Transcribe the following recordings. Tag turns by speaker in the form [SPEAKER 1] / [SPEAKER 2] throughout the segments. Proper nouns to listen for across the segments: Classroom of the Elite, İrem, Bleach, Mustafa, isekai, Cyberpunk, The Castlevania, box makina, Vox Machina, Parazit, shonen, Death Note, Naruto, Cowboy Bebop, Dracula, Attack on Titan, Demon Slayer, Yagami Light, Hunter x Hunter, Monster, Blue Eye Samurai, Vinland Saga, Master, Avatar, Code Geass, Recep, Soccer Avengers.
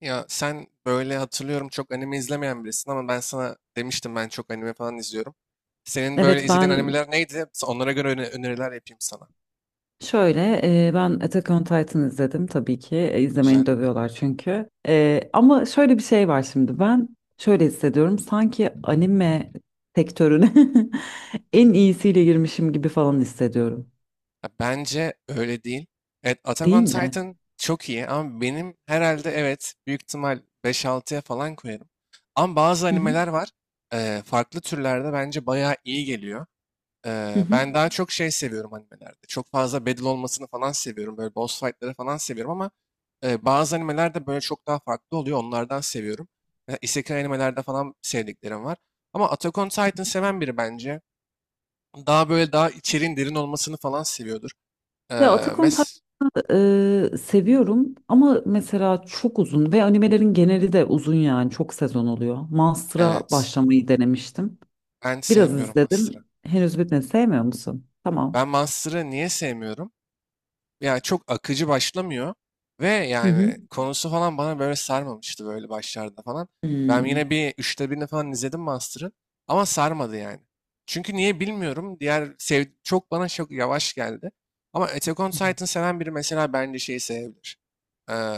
[SPEAKER 1] Ya sen böyle hatırlıyorum çok anime izlemeyen birisin ama ben sana demiştim ben çok anime falan izliyorum. Senin böyle
[SPEAKER 2] Evet,
[SPEAKER 1] izlediğin animeler neydi? Onlara göre öneriler yapayım sana.
[SPEAKER 2] şöyle ben Attack on Titan izledim, tabii ki.
[SPEAKER 1] Güzel.
[SPEAKER 2] İzlemeni dövüyorlar çünkü... ama şöyle bir şey var şimdi. Ben şöyle hissediyorum, sanki anime sektörüne en iyisiyle girmişim gibi falan hissediyorum,
[SPEAKER 1] Ya bence öyle değil. Evet, Attack
[SPEAKER 2] değil
[SPEAKER 1] on
[SPEAKER 2] mi?
[SPEAKER 1] Titan çok iyi ama benim herhalde evet büyük ihtimal beş altıya falan koyarım. Ama bazı
[SPEAKER 2] Hı hı.
[SPEAKER 1] animeler var. Farklı türlerde bence bayağı iyi geliyor.
[SPEAKER 2] Hı hı.
[SPEAKER 1] Ben daha çok şey seviyorum animelerde. Çok fazla battle olmasını falan seviyorum. Böyle boss fight'ları falan seviyorum ama bazı animelerde böyle çok daha farklı oluyor. Onlardan seviyorum. Mesela isekai animelerde falan sevdiklerim var. Ama Attack on Titan seven biri bence. Daha böyle daha içeriğin derin olmasını falan seviyordur. Ee,
[SPEAKER 2] Ya, Attack on
[SPEAKER 1] mes
[SPEAKER 2] Titan seviyorum ama mesela çok uzun ve animelerin geneli de uzun, yani çok sezon oluyor. Monster'a
[SPEAKER 1] Evet.
[SPEAKER 2] başlamayı denemiştim.
[SPEAKER 1] Ben
[SPEAKER 2] Biraz
[SPEAKER 1] sevmiyorum Master'ı.
[SPEAKER 2] izledim. Henüz bitmedi. Sevmiyor musun? Tamam.
[SPEAKER 1] Ben Master'ı niye sevmiyorum? Yani çok akıcı başlamıyor. Ve
[SPEAKER 2] Hı hı.
[SPEAKER 1] yani konusu falan bana böyle sarmamıştı böyle başlarda falan. Ben yine
[SPEAKER 2] Hmm.
[SPEAKER 1] bir üçte birini falan izledim Master'ın. Ama sarmadı yani. Çünkü niye bilmiyorum. Diğer çok bana çok yavaş geldi. Ama Attack on Titan seven biri mesela bence şeyi sevebilir. Ee,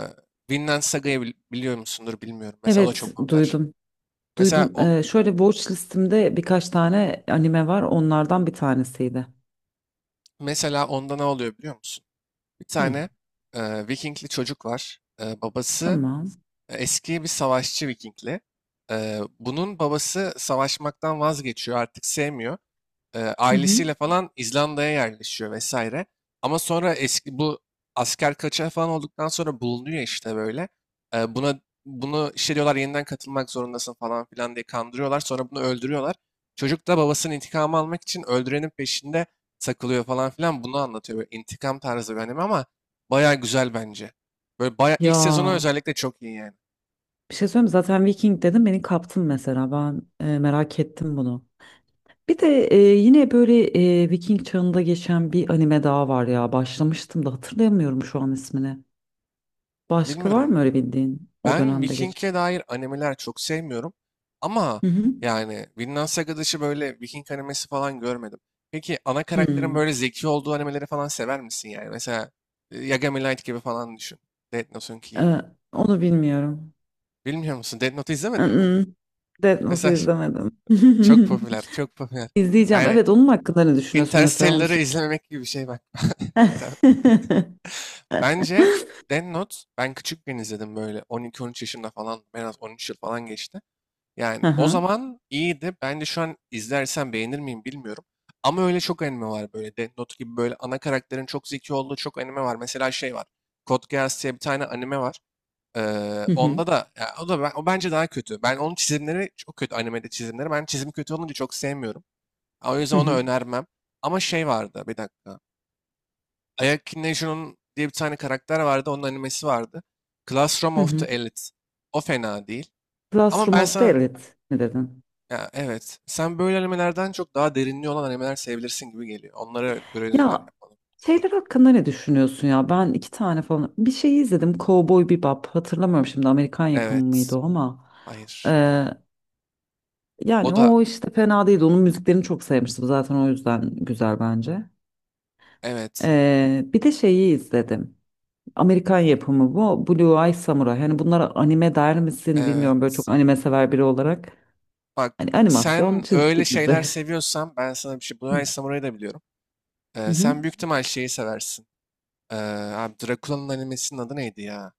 [SPEAKER 1] Vinland Saga'yı biliyor musundur bilmiyorum. Mesela o da
[SPEAKER 2] Evet,
[SPEAKER 1] çok popüler.
[SPEAKER 2] duydum.
[SPEAKER 1] Mesela
[SPEAKER 2] Duydum.
[SPEAKER 1] o
[SPEAKER 2] Şöyle, watch listemde birkaç tane anime var. Onlardan bir tanesiydi.
[SPEAKER 1] Mesela onda ne oluyor biliyor musun? Bir
[SPEAKER 2] Hı.
[SPEAKER 1] tane Vikingli çocuk var. Babası
[SPEAKER 2] Tamam.
[SPEAKER 1] eski bir savaşçı Vikingli. Bunun babası savaşmaktan vazgeçiyor, artık sevmiyor.
[SPEAKER 2] Hı hı.
[SPEAKER 1] Ailesiyle falan İzlanda'ya yerleşiyor vesaire. Ama sonra eski bu asker kaçağı falan olduktan sonra bulunuyor işte böyle. Buna Bunu işte diyorlar yeniden katılmak zorundasın falan filan diye kandırıyorlar. Sonra bunu öldürüyorlar. Çocuk da babasının intikamı almak için öldürenin peşinde takılıyor falan filan. Bunu anlatıyor böyle intikam tarzı bir anime ama baya güzel bence. Böyle baya ilk sezonu
[SPEAKER 2] Ya,
[SPEAKER 1] özellikle çok iyi yani.
[SPEAKER 2] bir şey söyleyeyim mi? Zaten Viking dedim, beni kaptın mesela. Ben merak ettim bunu. Bir de yine böyle Viking çağında geçen bir anime daha var ya. Başlamıştım da hatırlayamıyorum şu an ismini. Başka var
[SPEAKER 1] Bilmiyorum.
[SPEAKER 2] mı öyle bildiğin o
[SPEAKER 1] Ben
[SPEAKER 2] dönemde geçen?
[SPEAKER 1] Viking'e dair animeler çok sevmiyorum. Ama
[SPEAKER 2] Hı hı.
[SPEAKER 1] yani Vinland Saga dışı böyle Viking animesi falan görmedim. Peki ana karakterin
[SPEAKER 2] Hmm.
[SPEAKER 1] böyle zeki olduğu animeleri falan sever misin yani? Mesela Yagami Light gibi falan düşün. Death Note'unki gibi.
[SPEAKER 2] Ee, Onu bilmiyorum.
[SPEAKER 1] Bilmiyor musun? Death Note izlemedin mi?
[SPEAKER 2] Mm-mm. Death Note'u
[SPEAKER 1] Mesela
[SPEAKER 2] izlemedim.
[SPEAKER 1] çok popüler, çok popüler.
[SPEAKER 2] İzleyeceğim.
[SPEAKER 1] Yani
[SPEAKER 2] Evet, onun hakkında ne düşünüyorsun mesela, onu
[SPEAKER 1] Interstellar'ı
[SPEAKER 2] söyle.
[SPEAKER 1] izlememek gibi bir şey bak. Tamam. Bence Death Note ben küçükken izledim böyle 12-13 yaşında falan. En az 13 yıl falan geçti. Yani o
[SPEAKER 2] Aha.
[SPEAKER 1] zaman iyiydi. Ben de şu an izlersen beğenir miyim bilmiyorum. Ama öyle çok anime var böyle. Death Note gibi böyle ana karakterin çok zeki olduğu çok anime var. Mesela şey var. Code Geass diye bir tane anime var.
[SPEAKER 2] Hı hı.
[SPEAKER 1] Onda da ya o da o bence daha kötü. Ben onun çizimleri çok kötü animede çizimleri. Ben çizim kötü olunca çok sevmiyorum. O yüzden
[SPEAKER 2] Hı
[SPEAKER 1] onu
[SPEAKER 2] hı.
[SPEAKER 1] önermem. Ama şey vardı bir dakika. Ayaki Neju'nun diye bir tane karakter vardı. Onun animesi vardı. Classroom
[SPEAKER 2] Hı
[SPEAKER 1] of the
[SPEAKER 2] hı.
[SPEAKER 1] Elite. O fena değil. Ama
[SPEAKER 2] Classroom
[SPEAKER 1] ben
[SPEAKER 2] of the
[SPEAKER 1] sana
[SPEAKER 2] Elite mi dedin?
[SPEAKER 1] Ya, evet. Sen böyle animelerden çok daha derinliği olan animeler sevebilirsin gibi geliyor. Onlara göre öneriler
[SPEAKER 2] Ya,
[SPEAKER 1] yapalım.
[SPEAKER 2] şeyler hakkında ne düşünüyorsun ya? Ben iki tane falan bir şey izledim. Cowboy Bebop. Hatırlamıyorum şimdi, Amerikan yapımı
[SPEAKER 1] Evet.
[SPEAKER 2] mıydı o ama.
[SPEAKER 1] Hayır.
[SPEAKER 2] Ee,
[SPEAKER 1] O
[SPEAKER 2] Yani
[SPEAKER 1] da
[SPEAKER 2] o işte fena değildi. Onun müziklerini çok sevmiştim zaten, o yüzden güzel bence.
[SPEAKER 1] evet.
[SPEAKER 2] Bir de şeyi izledim. Amerikan yapımı bu. Blue Eye Samurai. Hani bunlara anime der misin bilmiyorum, böyle çok
[SPEAKER 1] Evet.
[SPEAKER 2] anime sever biri olarak.
[SPEAKER 1] Bak
[SPEAKER 2] Hani, animasyon
[SPEAKER 1] sen öyle
[SPEAKER 2] çizgi
[SPEAKER 1] şeyler
[SPEAKER 2] dizi.
[SPEAKER 1] seviyorsan ben sana bir şey.
[SPEAKER 2] Hı hı.
[SPEAKER 1] Bunai Samurai'ı da biliyorum.
[SPEAKER 2] Hı.
[SPEAKER 1] Sen büyük ihtimal şeyi seversin. Ee, Abi Dracula'nın animesinin adı neydi ya?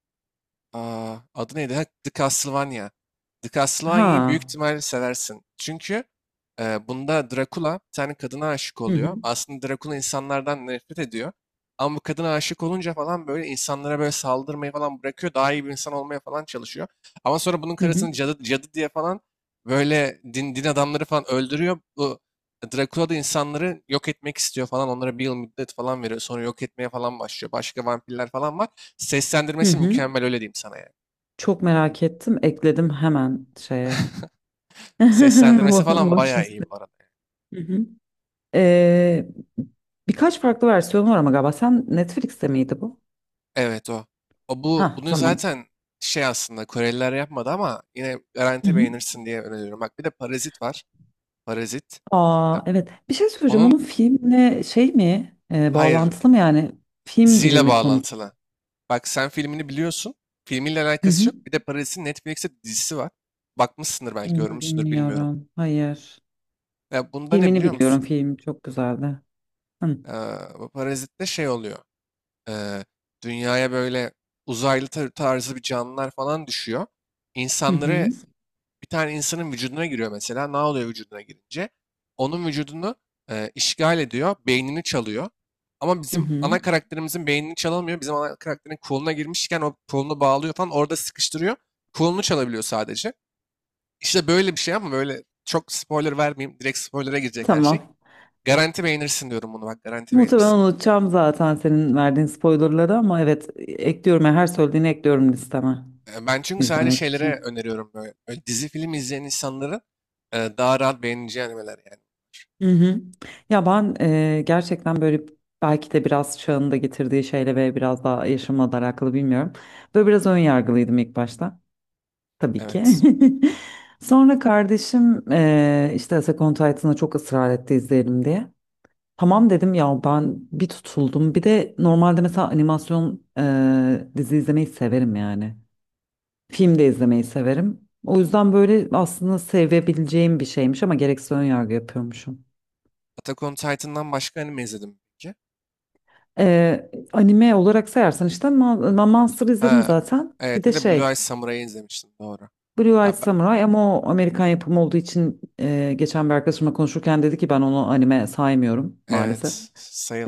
[SPEAKER 1] Adı neydi? Ha, The Castlevania. The Castlevania'yı büyük
[SPEAKER 2] Ha.
[SPEAKER 1] ihtimalle seversin. Çünkü bunda Dracula bir tane kadına aşık
[SPEAKER 2] Hı hı.
[SPEAKER 1] oluyor. Aslında Dracula insanlardan nefret ediyor. Ama bu kadına aşık olunca falan böyle insanlara böyle saldırmayı falan bırakıyor. Daha iyi bir insan olmaya falan çalışıyor. Ama sonra bunun
[SPEAKER 2] Hı hı.
[SPEAKER 1] karısını cadı, cadı diye falan böyle din adamları falan öldürüyor. Bu Dracula da insanları yok etmek istiyor falan. Onlara bir yıl müddet falan veriyor. Sonra yok etmeye falan başlıyor. Başka vampirler falan var.
[SPEAKER 2] Hı
[SPEAKER 1] Seslendirmesi
[SPEAKER 2] hı.
[SPEAKER 1] mükemmel öyle diyeyim sana yani.
[SPEAKER 2] Çok merak ettim. Ekledim hemen şeye.
[SPEAKER 1] Seslendirmesi falan
[SPEAKER 2] Watch
[SPEAKER 1] bayağı
[SPEAKER 2] liste.
[SPEAKER 1] iyi bu arada.
[SPEAKER 2] Hı hı. Ee, Birkaç farklı versiyonu var ama galiba. Sen Netflix'te miydi bu?
[SPEAKER 1] Evet o. O bu
[SPEAKER 2] Ha,
[SPEAKER 1] Bunu
[SPEAKER 2] tamam.
[SPEAKER 1] zaten şey aslında Koreliler yapmadı ama yine
[SPEAKER 2] Hı
[SPEAKER 1] garanti
[SPEAKER 2] hı.
[SPEAKER 1] beğenirsin diye öneriyorum. Bak bir de Parazit var. Parazit. E,
[SPEAKER 2] Aa, evet. Bir şey söyleyeceğim.
[SPEAKER 1] Onun
[SPEAKER 2] Onun filmle şey mi,
[SPEAKER 1] Hayır,
[SPEAKER 2] bağlantılı mı yani? Film gibi
[SPEAKER 1] diziyle
[SPEAKER 2] mi konu?
[SPEAKER 1] bağlantılı. Bak sen filmini biliyorsun. Filmiyle
[SPEAKER 2] Hı
[SPEAKER 1] alakası
[SPEAKER 2] hı.
[SPEAKER 1] yok. Bir de Parazit'in Netflix'te dizisi var. Bakmışsındır belki
[SPEAKER 2] Onu
[SPEAKER 1] görmüşsündür bilmiyorum.
[SPEAKER 2] bilmiyorum. Hayır.
[SPEAKER 1] Ya bunda ne
[SPEAKER 2] Filmini
[SPEAKER 1] biliyor
[SPEAKER 2] biliyorum.
[SPEAKER 1] musun?
[SPEAKER 2] Film çok güzeldi. Hı hı.
[SPEAKER 1] Ee, Bu Parazit'te şey oluyor. eee, Dünyaya böyle uzaylı tarzı bir canlılar falan düşüyor.
[SPEAKER 2] Hı
[SPEAKER 1] İnsanları Bir tane insanın vücuduna giriyor mesela. Ne oluyor vücuduna girince? Onun vücudunu işgal ediyor, beynini çalıyor. Ama
[SPEAKER 2] hı.
[SPEAKER 1] bizim
[SPEAKER 2] Hı.
[SPEAKER 1] ana karakterimizin beynini çalamıyor. Bizim ana karakterin koluna girmişken o kolunu bağlıyor falan orada sıkıştırıyor. Kolunu çalabiliyor sadece. İşte böyle bir şey ama böyle çok spoiler vermeyeyim. Direkt spoilere girecek her şey.
[SPEAKER 2] Tamam.
[SPEAKER 1] Garanti beğenirsin diyorum bunu bak garanti
[SPEAKER 2] Muhtemelen
[SPEAKER 1] beğenirsin.
[SPEAKER 2] unutacağım zaten senin verdiğin spoilerları ama evet, ekliyorum. Yani her söylediğini ekliyorum listeme,
[SPEAKER 1] Ben çünkü sadece
[SPEAKER 2] izlemek
[SPEAKER 1] şeylere
[SPEAKER 2] için.
[SPEAKER 1] öneriyorum böyle. Böyle dizi film izleyen insanların daha rahat beğeneceği animeler yani.
[SPEAKER 2] Hı hı. Ya ben gerçekten böyle, belki de biraz çağın da getirdiği şeyle ve biraz daha yaşımla da alakalı, bilmiyorum. Böyle biraz ön yargılıydım ilk başta. Tabii ki.
[SPEAKER 1] Evet.
[SPEAKER 2] Sonra kardeşim işte Attack on Titan'a çok ısrar etti izleyelim diye. Tamam dedim ya, ben bir tutuldum. Bir de normalde mesela animasyon dizi izlemeyi severim yani. Film de izlemeyi severim. O yüzden böyle aslında sevebileceğim bir şeymiş ama gereksiz ön yargı yapıyormuşum.
[SPEAKER 1] Attack on Titan'dan başka anime izledim peki.
[SPEAKER 2] Anime olarak sayarsan işte Monster izledim
[SPEAKER 1] Ha,
[SPEAKER 2] zaten. Bir
[SPEAKER 1] evet bir
[SPEAKER 2] de
[SPEAKER 1] de Blue
[SPEAKER 2] şey,
[SPEAKER 1] Eye Samurai'yi izlemiştim doğru.
[SPEAKER 2] Blue Eyed
[SPEAKER 1] Ya ben-
[SPEAKER 2] Samurai, ama o Amerikan yapımı olduğu için geçen bir arkadaşımla konuşurken dedi ki ben onu anime saymıyorum maalesef.
[SPEAKER 1] evet,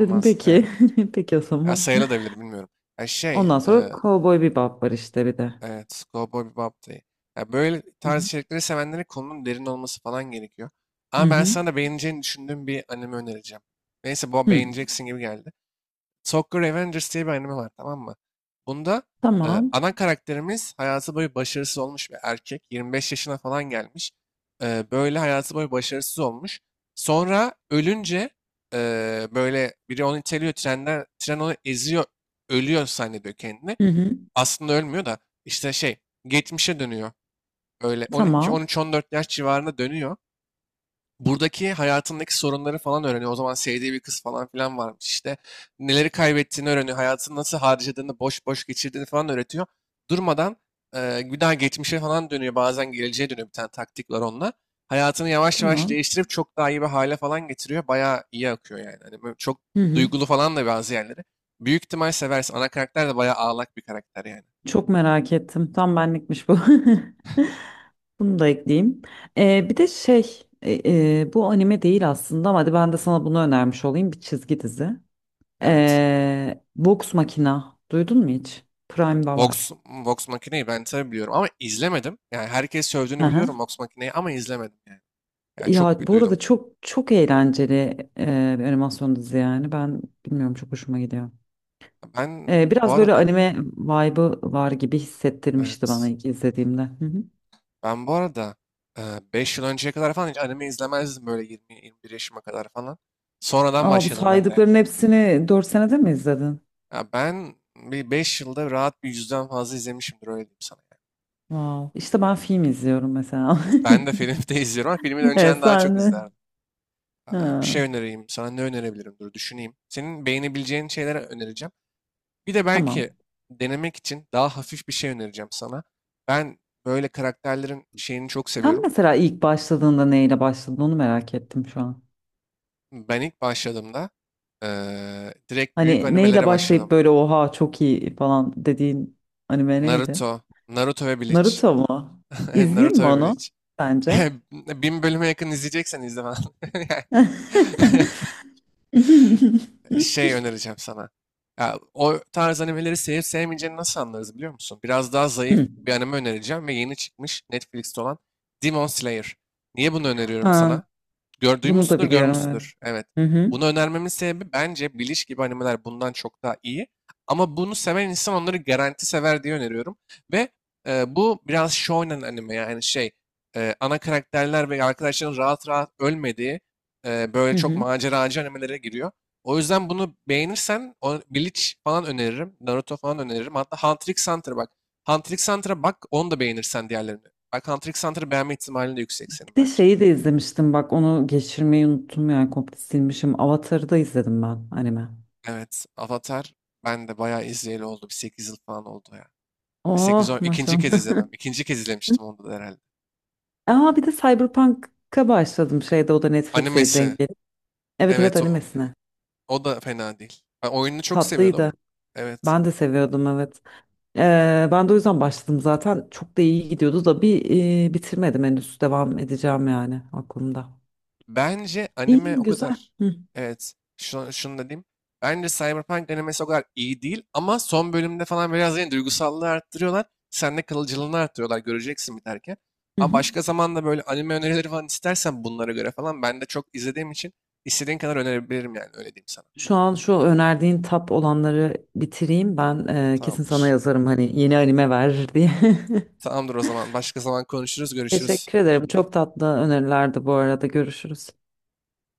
[SPEAKER 2] Dedim peki.
[SPEAKER 1] Evet büyük ihtimal.
[SPEAKER 2] Peki, o
[SPEAKER 1] Ya
[SPEAKER 2] zaman.
[SPEAKER 1] sayılabilir bilmiyorum. Ya
[SPEAKER 2] Ondan sonra Cowboy Bebop var işte bir de.
[SPEAKER 1] evet, Cowboy Bebop da iyi. Ya böyle
[SPEAKER 2] Hı
[SPEAKER 1] tarz
[SPEAKER 2] hı.
[SPEAKER 1] içerikleri sevenlere konunun derin olması falan gerekiyor.
[SPEAKER 2] Hı
[SPEAKER 1] Ama ben
[SPEAKER 2] hı.
[SPEAKER 1] sana da beğeneceğini düşündüğüm bir anime önereceğim. Neyse bu
[SPEAKER 2] Hı.
[SPEAKER 1] beğeneceksin gibi geldi. Soccer Avengers diye bir anime var tamam mı? Bunda
[SPEAKER 2] Tamam.
[SPEAKER 1] ana karakterimiz hayatı boyu başarısız olmuş bir erkek. 25 yaşına falan gelmiş. Böyle hayatı boyu başarısız olmuş. Sonra ölünce e, böyle biri onu iteliyor trenden, tren onu eziyor, ölüyor zannediyor kendini.
[SPEAKER 2] Hı hı.
[SPEAKER 1] Aslında ölmüyor da işte şey geçmişe dönüyor. Öyle 12,
[SPEAKER 2] Tamam.
[SPEAKER 1] 13, 14 yaş civarında dönüyor buradaki hayatındaki sorunları falan öğreniyor. O zaman sevdiği bir kız falan filan varmış işte. Neleri kaybettiğini öğreniyor. Hayatını nasıl harcadığını, boş boş geçirdiğini falan öğretiyor. Durmadan bir daha geçmişe falan dönüyor. Bazen geleceğe dönüyor bir tane taktik var onunla. Hayatını yavaş yavaş
[SPEAKER 2] Tamam.
[SPEAKER 1] değiştirip çok daha iyi bir hale falan getiriyor. Bayağı iyi akıyor yani. Hani böyle çok
[SPEAKER 2] Hı hı.
[SPEAKER 1] duygulu falan da bazı yerleri. Büyük ihtimal seversin. Ana karakter de bayağı ağlak bir karakter yani.
[SPEAKER 2] Çok merak ettim. Tam benlikmiş bu. Bunu da ekleyeyim. Bir de şey, bu anime değil aslında ama hadi ben de sana bunu önermiş olayım, bir çizgi dizi.
[SPEAKER 1] Evet.
[SPEAKER 2] Box Makina. Duydun mu hiç? Prime'da
[SPEAKER 1] Vox,
[SPEAKER 2] var.
[SPEAKER 1] Vox Machina'yı ben tabii biliyorum ama izlemedim. Yani herkes sövdüğünü
[SPEAKER 2] Hı hı.
[SPEAKER 1] biliyorum Vox Machina'yı ama izlemedim yani. Ya çok
[SPEAKER 2] Ya,
[SPEAKER 1] bir
[SPEAKER 2] bu
[SPEAKER 1] duydum.
[SPEAKER 2] arada çok çok eğlenceli bir animasyon dizi yani. Ben bilmiyorum, çok hoşuma gidiyor.
[SPEAKER 1] Ben bu
[SPEAKER 2] Biraz böyle
[SPEAKER 1] arada
[SPEAKER 2] anime vibe'ı var gibi hissettirmişti bana
[SPEAKER 1] evet.
[SPEAKER 2] ilk izlediğimde. Hı hı.
[SPEAKER 1] Ben bu arada 5 yıl önceye kadar falan hiç anime izlemezdim böyle 20-21 yaşıma kadar falan. Sonradan
[SPEAKER 2] Ama bu
[SPEAKER 1] başladım ben de yani.
[SPEAKER 2] saydıkların hepsini 4 senede mi izledin?
[SPEAKER 1] Ya ben bir 5 yılda rahat bir yüzden fazla izlemişimdir öyle diyeyim sana, yani.
[SPEAKER 2] Wow. İşte ben film izliyorum mesela.
[SPEAKER 1] Ben de film de izliyorum ama filmi de
[SPEAKER 2] Evet,
[SPEAKER 1] önceden daha çok
[SPEAKER 2] sen de.
[SPEAKER 1] izlerdim. Bir şey
[SPEAKER 2] Ha,
[SPEAKER 1] önereyim sana ne önerebilirim dur düşüneyim. Senin beğenebileceğin şeyler önereceğim. Bir de belki
[SPEAKER 2] tamam.
[SPEAKER 1] denemek için daha hafif bir şey önereceğim sana. Ben böyle karakterlerin şeyini çok
[SPEAKER 2] Sen
[SPEAKER 1] seviyorum.
[SPEAKER 2] mesela ilk başladığında neyle başladın, onu merak ettim şu an.
[SPEAKER 1] Ben ilk başladığımda direkt büyük
[SPEAKER 2] Hani neyle
[SPEAKER 1] animelere
[SPEAKER 2] başlayıp
[SPEAKER 1] başladım.
[SPEAKER 2] böyle oha çok iyi falan dediğin anime neydi?
[SPEAKER 1] Naruto, Naruto ve Bleach.
[SPEAKER 2] Naruto mu? İzleyeyim
[SPEAKER 1] Naruto
[SPEAKER 2] mi
[SPEAKER 1] ve
[SPEAKER 2] onu
[SPEAKER 1] Bleach.
[SPEAKER 2] sence?
[SPEAKER 1] Bin bölüme yakın izleyeceksen izle falan. Yani şey önereceğim sana. Ya, o tarz animeleri sevip sevmeyeceğini nasıl anlarız biliyor musun? Biraz daha zayıf bir anime önereceğim ve yeni çıkmış Netflix'te olan Demon Slayer. Niye bunu öneriyorum
[SPEAKER 2] Ha,
[SPEAKER 1] sana?
[SPEAKER 2] bunu da
[SPEAKER 1] Duymuşsundur,
[SPEAKER 2] biliyorum. Evet.
[SPEAKER 1] görmüşsündür. Evet.
[SPEAKER 2] Hı hı.
[SPEAKER 1] Bunu önermemin sebebi bence Bleach gibi animeler bundan çok daha iyi. Ama bunu seven insan onları garanti sever diye öneriyorum. Ve bu biraz shonen anime yani ana karakterler ve arkadaşların rahat rahat ölmediği böyle
[SPEAKER 2] Hı
[SPEAKER 1] çok
[SPEAKER 2] hı.
[SPEAKER 1] maceracı animelere giriyor. O yüzden bunu beğenirsen Bleach falan öneririm. Naruto falan öneririm. Hatta Hunter x Hunter bak. Hunter x Hunter'a bak onu da beğenirsen diğerlerini. Bak Hunter x Hunter'ı beğenme ihtimalin de yüksek
[SPEAKER 2] Bir
[SPEAKER 1] senin
[SPEAKER 2] de
[SPEAKER 1] bence.
[SPEAKER 2] şeyi de izlemiştim bak, onu geçirmeyi unuttum, yani komple silmişim. Avatar'ı da izledim, ben, anime.
[SPEAKER 1] Evet, Avatar ben de bayağı izleyeli oldu. Bir 8 yıl falan oldu ya. E, sekiz
[SPEAKER 2] Oh,
[SPEAKER 1] on ikinci kez
[SPEAKER 2] maşallah.
[SPEAKER 1] izledim. İkinci kez izlemiştim onu da herhalde.
[SPEAKER 2] Aa, bir de Cyberpunk'a başladım şeyde, o da Netflix'e
[SPEAKER 1] Animesi.
[SPEAKER 2] denk gelip. Evet, evet,
[SPEAKER 1] Evet
[SPEAKER 2] animesine.
[SPEAKER 1] o da fena değil. Ben oyununu çok seviyordum.
[SPEAKER 2] Tatlıydı.
[SPEAKER 1] Evet.
[SPEAKER 2] Ben de seviyordum, evet. Ben de o yüzden başladım zaten. Çok da iyi gidiyordu da bitirmedim henüz. Devam edeceğim yani, aklımda.
[SPEAKER 1] Bence
[SPEAKER 2] İyi,
[SPEAKER 1] anime o
[SPEAKER 2] güzel.
[SPEAKER 1] kadar.
[SPEAKER 2] Hı.
[SPEAKER 1] Evet. Şunu da diyeyim. Bence Cyberpunk animesi o kadar iyi değil ama son bölümde falan biraz yine duygusallığı arttırıyorlar. Sende kalıcılığını arttırıyorlar göreceksin biterken.
[SPEAKER 2] Hı
[SPEAKER 1] Ama
[SPEAKER 2] hı.
[SPEAKER 1] başka zaman da böyle anime önerileri falan istersen bunlara göre falan ben de çok izlediğim için istediğin kadar önerebilirim yani öyle diyeyim sana.
[SPEAKER 2] Şu an şu önerdiğin tap olanları bitireyim. Ben kesin sana
[SPEAKER 1] Tamamdır.
[SPEAKER 2] yazarım hani yeni anime ver diye.
[SPEAKER 1] Tamamdır o zaman. Başka zaman konuşuruz, görüşürüz.
[SPEAKER 2] Teşekkür ederim. Çok tatlı önerilerdi bu arada. Görüşürüz.